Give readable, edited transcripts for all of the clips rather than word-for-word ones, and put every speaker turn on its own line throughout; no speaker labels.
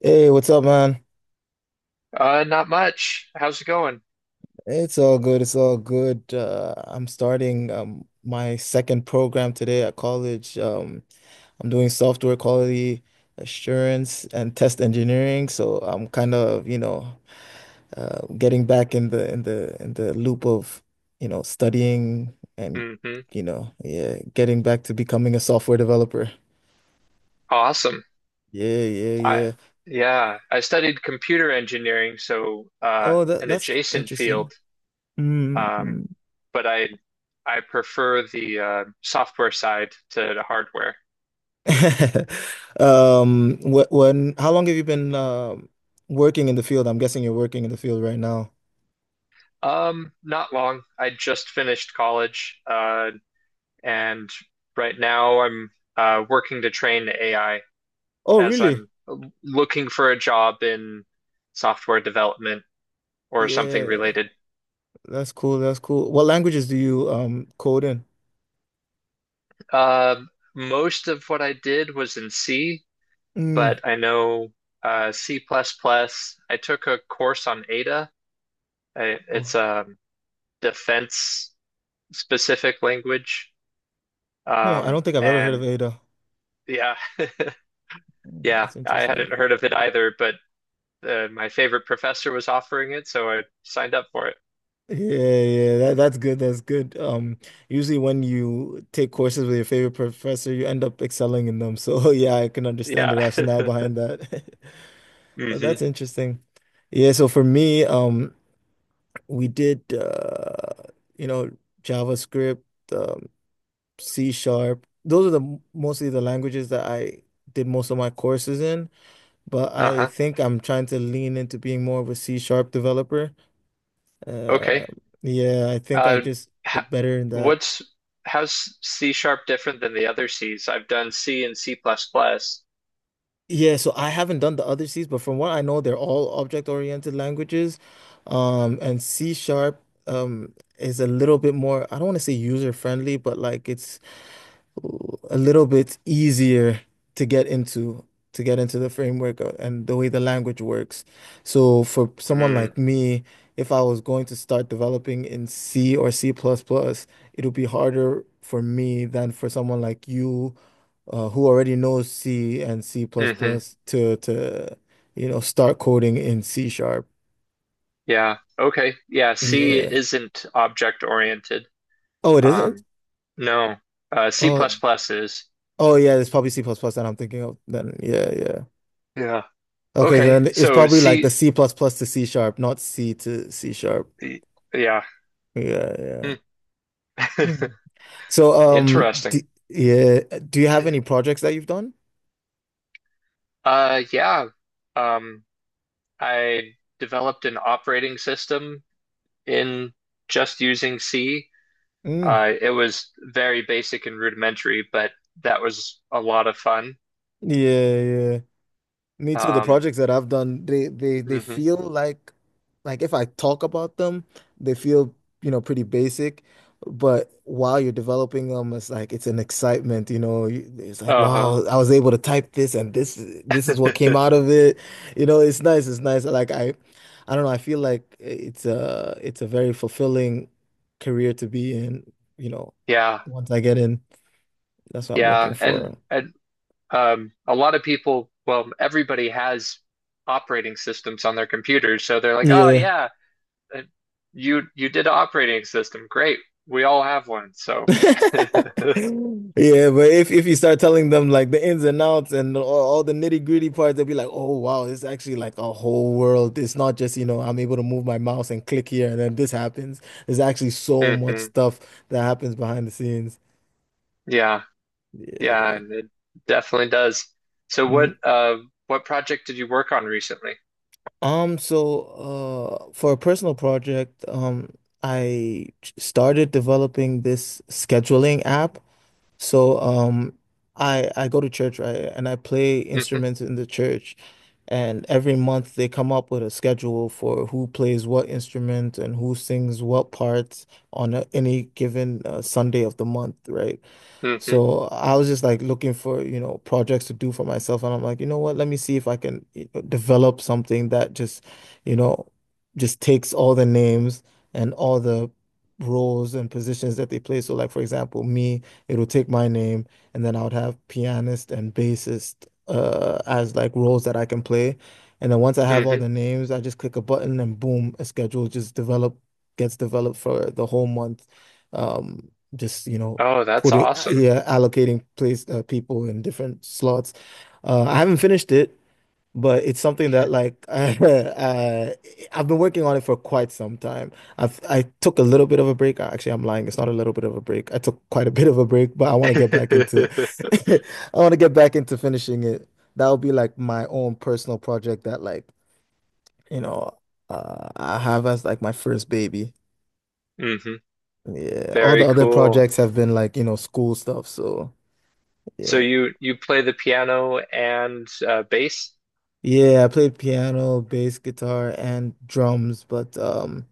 Hey, what's up, man?
Not much. How's it going?
It's all good. It's all good. I'm starting my second program today at college. I'm doing software quality assurance and test engineering. So I'm kind of, getting back in the loop of, studying and,
Hmm.
yeah, getting back to becoming a software developer.
Awesome.
Yeah, yeah,
I
yeah.
Yeah, I studied computer engineering, so
Oh, that
an
that's
adjacent
interesting.
field. Um,
Mm-hmm.
but I prefer the software side to the hardware.
How long have you been working in the field? I'm guessing you're working in the field right now.
Not long. I just finished college, and right now I'm working to train AI
Oh,
as
really?
I'm looking for a job in software development or something
Yeah,
related.
that's cool. That's cool. What languages do you code in?
Most of what I did was in C,
Mm.
but I know C++. Plus plus. I took a course on Ada. It's
Oh,
a defense specific language.
huh, I don't think I've ever heard of
And
Ada.
yeah,
Mm,
yeah,
that's
I
interesting.
hadn't heard of it either, but my favorite professor was offering it, so I signed up for it.
Yeah, yeah, that's good. That's good. Usually when you take courses with your favorite professor, you end up excelling in them. So yeah, I can understand the
Yeah.
rationale behind that. Oh,
Hmm.
that's interesting. Yeah, so for me, we did you know JavaScript, um, C sharp. Those are the mostly the languages that I did most of my courses in, but I
Uh-huh.
think I'm trying to lean into being more of a C sharp developer.
Okay.
Uh, yeah, I think I
Uh,
just
h-
did better in that.
what's how's C sharp different than the other C's? I've done C and C plus plus.
Yeah, so I haven't done the other C's, but from what I know, they're all object-oriented languages. And C sharp is a little bit more, I don't want to say user-friendly, but like it's a little bit easier to get into the framework and the way the language works. So for someone
Mm.
like me, if I was going to start developing in C or C++, plus plus, it would be harder for me than for someone like you who already knows C and C++ plus
Hmm.
plus to you know start coding in C sharp.
Yeah. Okay. Yeah. C
Yeah.
isn't object oriented.
Oh, it isn't?
Um, no. C
Oh,
plus plus is.
oh yeah, it's probably C++ plus plus that I'm thinking of then. Yeah, yeah.
Yeah.
Okay,
Okay.
then it's
So
probably like the
C.
C plus plus to C sharp, not C to C sharp.
y- Yeah.
Yeah, yeah.
Hmm.
Hmm. So,
Interesting.
d yeah, do you have any projects that you've done?
Yeah. Um, I developed an operating system in just using C.
Mm.
It was very basic and rudimentary, but that was a lot of fun.
Yeah, yeah. Me too. The
Um,
projects that I've done, they
hmm.
feel like if I talk about them, they feel, you know, pretty basic. But while you're developing them, it's like it's an excitement, you know. It's like,
Uh-huh.
wow, I was able to type this and this is what came out of it. It's nice, it's nice. Like I don't know, I feel like it's a very fulfilling career to be in,
Yeah.
once I get in. That's what I'm looking
Yeah. And
for.
and a lot of people, well, everybody has operating systems on their computers, so they're like, "Oh
Yeah.
yeah, uh, you did an operating system. Great. We all have one." So
Yeah, but if you start telling them like the ins and outs and all the nitty-gritty parts, they'll be like, "Oh wow, it's actually like a whole world. It's not just, I'm able to move my mouse and click here and then this happens. There's actually so much
hmm.
stuff that happens behind the scenes."
Yeah. Yeah,
Yeah.
and it definitely does. So what
Mm.
uh what project did you work on recently?
So for a personal project, I started developing this scheduling app. So I go to church, right? And I play
Hmm.
instruments in the church. And every month they come up with a schedule for who plays what instrument and who sings what parts on any given Sunday of the month, right?
Hmm.
So I was just like looking for, projects to do for myself. And I'm like, you know what? Let me see if I can develop something that just, you know, takes all the names and all the roles and positions that they play. So like, for example, me, it'll take my name and then I would have pianist and bassist as like roles that I can play. And then once I have all
Hmm.
the names, I just click a button and boom, a schedule just develop gets developed for the whole month. Um, just, you know,
Oh, that's
putting
awesome.
yeah allocating place people in different slots. I haven't finished it, but it's something that like I've been working on it for quite some time. I took a little bit of a break. Actually, I'm lying. It's not a little bit of a break. I took quite a bit of a break, but I want to get back into
Hmm.
I want to get back into finishing it. That'll be like my own personal project that like you know I have as like my first baby. Yeah, all the
Very
other
cool.
projects have been like, school stuff. So, yeah.
So you play the piano and bass?
Yeah, I played piano, bass, guitar, and drums, but um,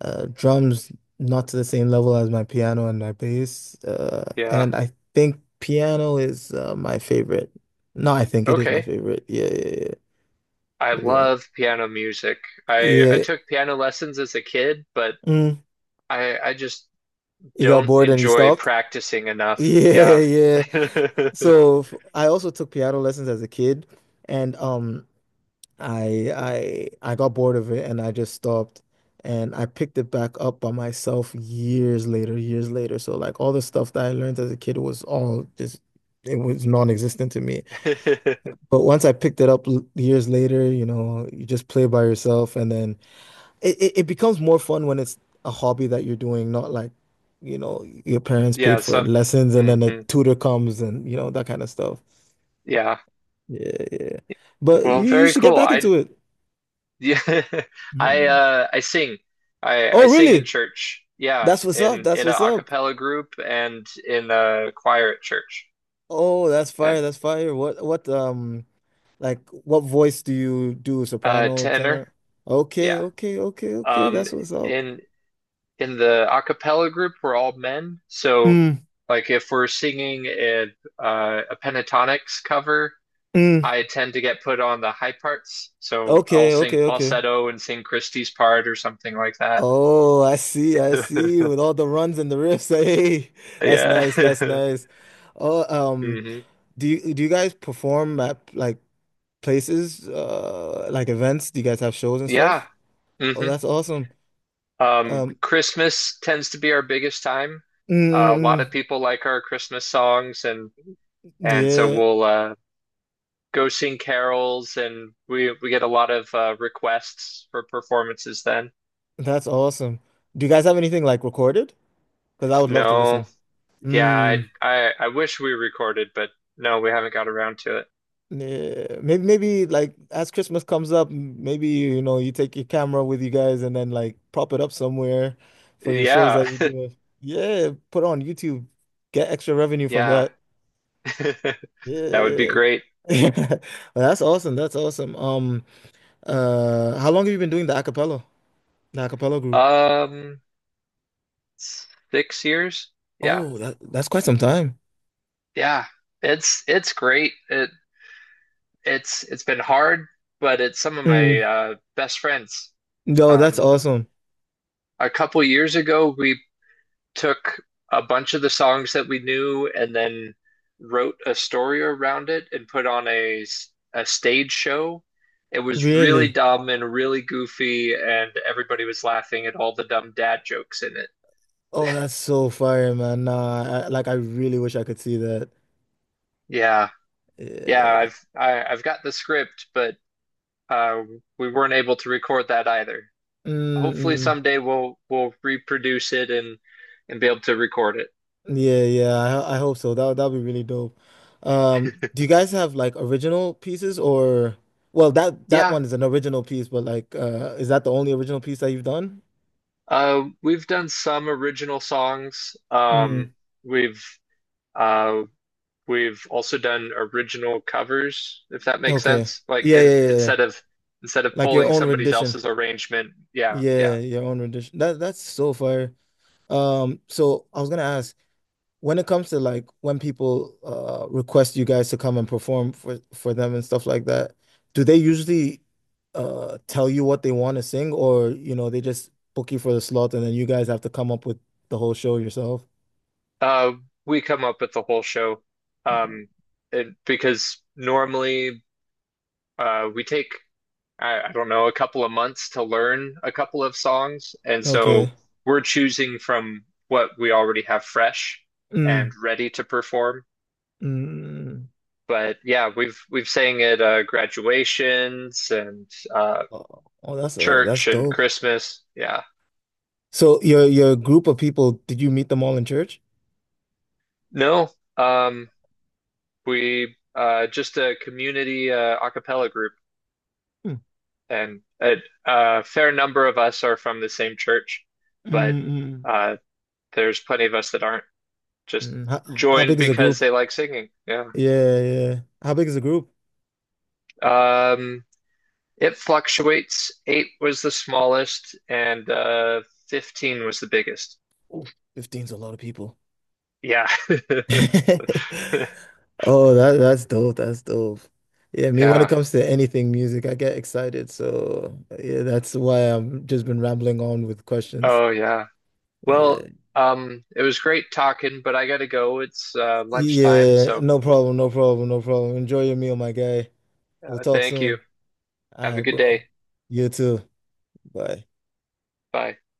uh, drums not to the same level as my piano and my bass. Uh,
Yeah.
and I think piano is my favorite. No, I think it is my
Okay.
favorite. Yeah, yeah,
I
yeah,
love piano music.
yeah,
I
yeah.
took piano lessons as a kid, but
Mm,
I just
you got
don't
bored and you
enjoy
stopped?
practicing enough.
Yeah,
Yeah.
yeah. So I also took piano lessons as a kid, and um. I I I got bored of it and I just stopped and I picked it back up by myself years later, years later. So like all the stuff that I learned as a kid was all just it was non-existent to me. But once I picked it up years later, you know, you just play by yourself and then it becomes more fun when it's a hobby that you're doing, not like, your parents paid
Yeah,
for
so
lessons and then a
mhm.
tutor comes and that kind of stuff.
Yeah.
Yeah, yeah. But
Well,
you
very
should get
cool.
back
I
into it.
Yeah,
Mhm.
I sing. I
Oh,
sing in
really?
church. Yeah,
That's what's up. That's
in
what's
a
up.
cappella group and in a choir at church.
Oh, that's fire.
And
That's fire. What like what voice do you do? Soprano,
tenor.
tenor? Okay,
Yeah.
okay, okay, okay.
Um
That's what's up.
in in the a cappella group we're all men. So
Mm,
like if we're singing a pentatonics cover,
mm.
I tend to get put on the high parts. So I'll
Okay,
sing
okay, okay.
falsetto and sing Christie's part or something like that.
Oh, I see. I see. With all the runs and the riffs. Hey, that's
Yeah.
nice. That's nice. Oh, um,
Hmm.
do you guys perform at like places, like events? Do you guys have shows and
Yeah.
stuff? Oh,
Hmm.
that's awesome. Um,
Christmas tends to be our biggest time.
mm,
A
mm,
lot of
mm.
people like our Christmas songs, and so
Yeah.
we'll go sing carols, and we get a lot of requests for performances then.
That's awesome. Do you guys have anything like recorded? Because I would love to
No,
listen.
yeah,
Mm,
I wish we recorded, but no, we haven't got around to it.
maybe like as Christmas comes up, maybe you take your camera with you guys and then like prop it up somewhere for your shows
Yeah,
that you do. Yeah, put on YouTube, get extra revenue from
yeah,
that.
that would be
Yeah.
great.
Well, that's awesome. That's awesome. How long have you been doing the a cappella, group?
Um, 6 years? Yeah,
Oh, that's quite some time.
yeah, it's great. It's been hard, but it's some of my
Mm.
best friends.
No, that's
Um,
awesome.
a couple years ago, we took a bunch of the songs that we knew and then wrote a story around it and put on a stage show. It was really
Really?
dumb and really goofy, and everybody was laughing at all the dumb dad jokes in it.
Oh, that's so fire, man. Nah, like I really wish I could see that.
Yeah, yeah,
Yeah.
I've got the script, but uh, we weren't able to record that either. Hopefully
Mm-mm.
someday we'll reproduce it and be able to record it.
Yeah, yeah. I hope so. That'd be really dope. Do you guys have like original pieces or well, that
Yeah,
one is an original piece, but like is that the only original piece that you've done?
we've done some original songs.
Mm.
We've uh, we've also done original covers, if that makes
Okay.
sense.
Yeah, yeah, yeah, yeah.
Instead of
Like your
pulling
own
somebody
rendition.
else's arrangement, yeah, yeah.
Yeah, your own rendition. That's so fire. So I was gonna ask when it comes to like when people request you guys to come and perform for them and stuff like that, do they usually tell you what they want to sing or they just book you for the slot and then you guys have to come up with the whole show yourself?
Uh, we come up with the whole show um, and because normally we take I don't know, a couple of months to learn a couple of songs. And so
Okay.
we're choosing from what we already have fresh and
Mm,
ready to perform.
mm.
But yeah, we've sang at graduations and uh,
Oh, oh, that's
church and
dope.
Christmas. Yeah.
So your group of people, did you meet them all in church?
No, um, we just a community a cappella group,
Mm,
and a fair number of us are from the same church,
mm,
but
mm,
uh, there's plenty of us that aren't. Just
mm. How
joined
big is the
because
group?
they like singing. Yeah.
Yeah, yeah. How big is the group?
Um, it fluctuates. Eight was the smallest, and 15 was the biggest.
Oof, 15's a lot of people.
Yeah.
Oh, that's dope. That's dope. Yeah, me when it
Yeah.
comes to anything music, I get excited. So yeah, that's why I've just been rambling on with questions.
Oh, yeah. Well,
Yeah.
it was great talking, but I gotta go. It's lunchtime,
Yeah,
so
no problem, no problem, no problem. Enjoy your meal, my guy. We'll talk
thank you.
soon. All
Have
right,
a good
bro.
day.
You too. Bye.
Bye.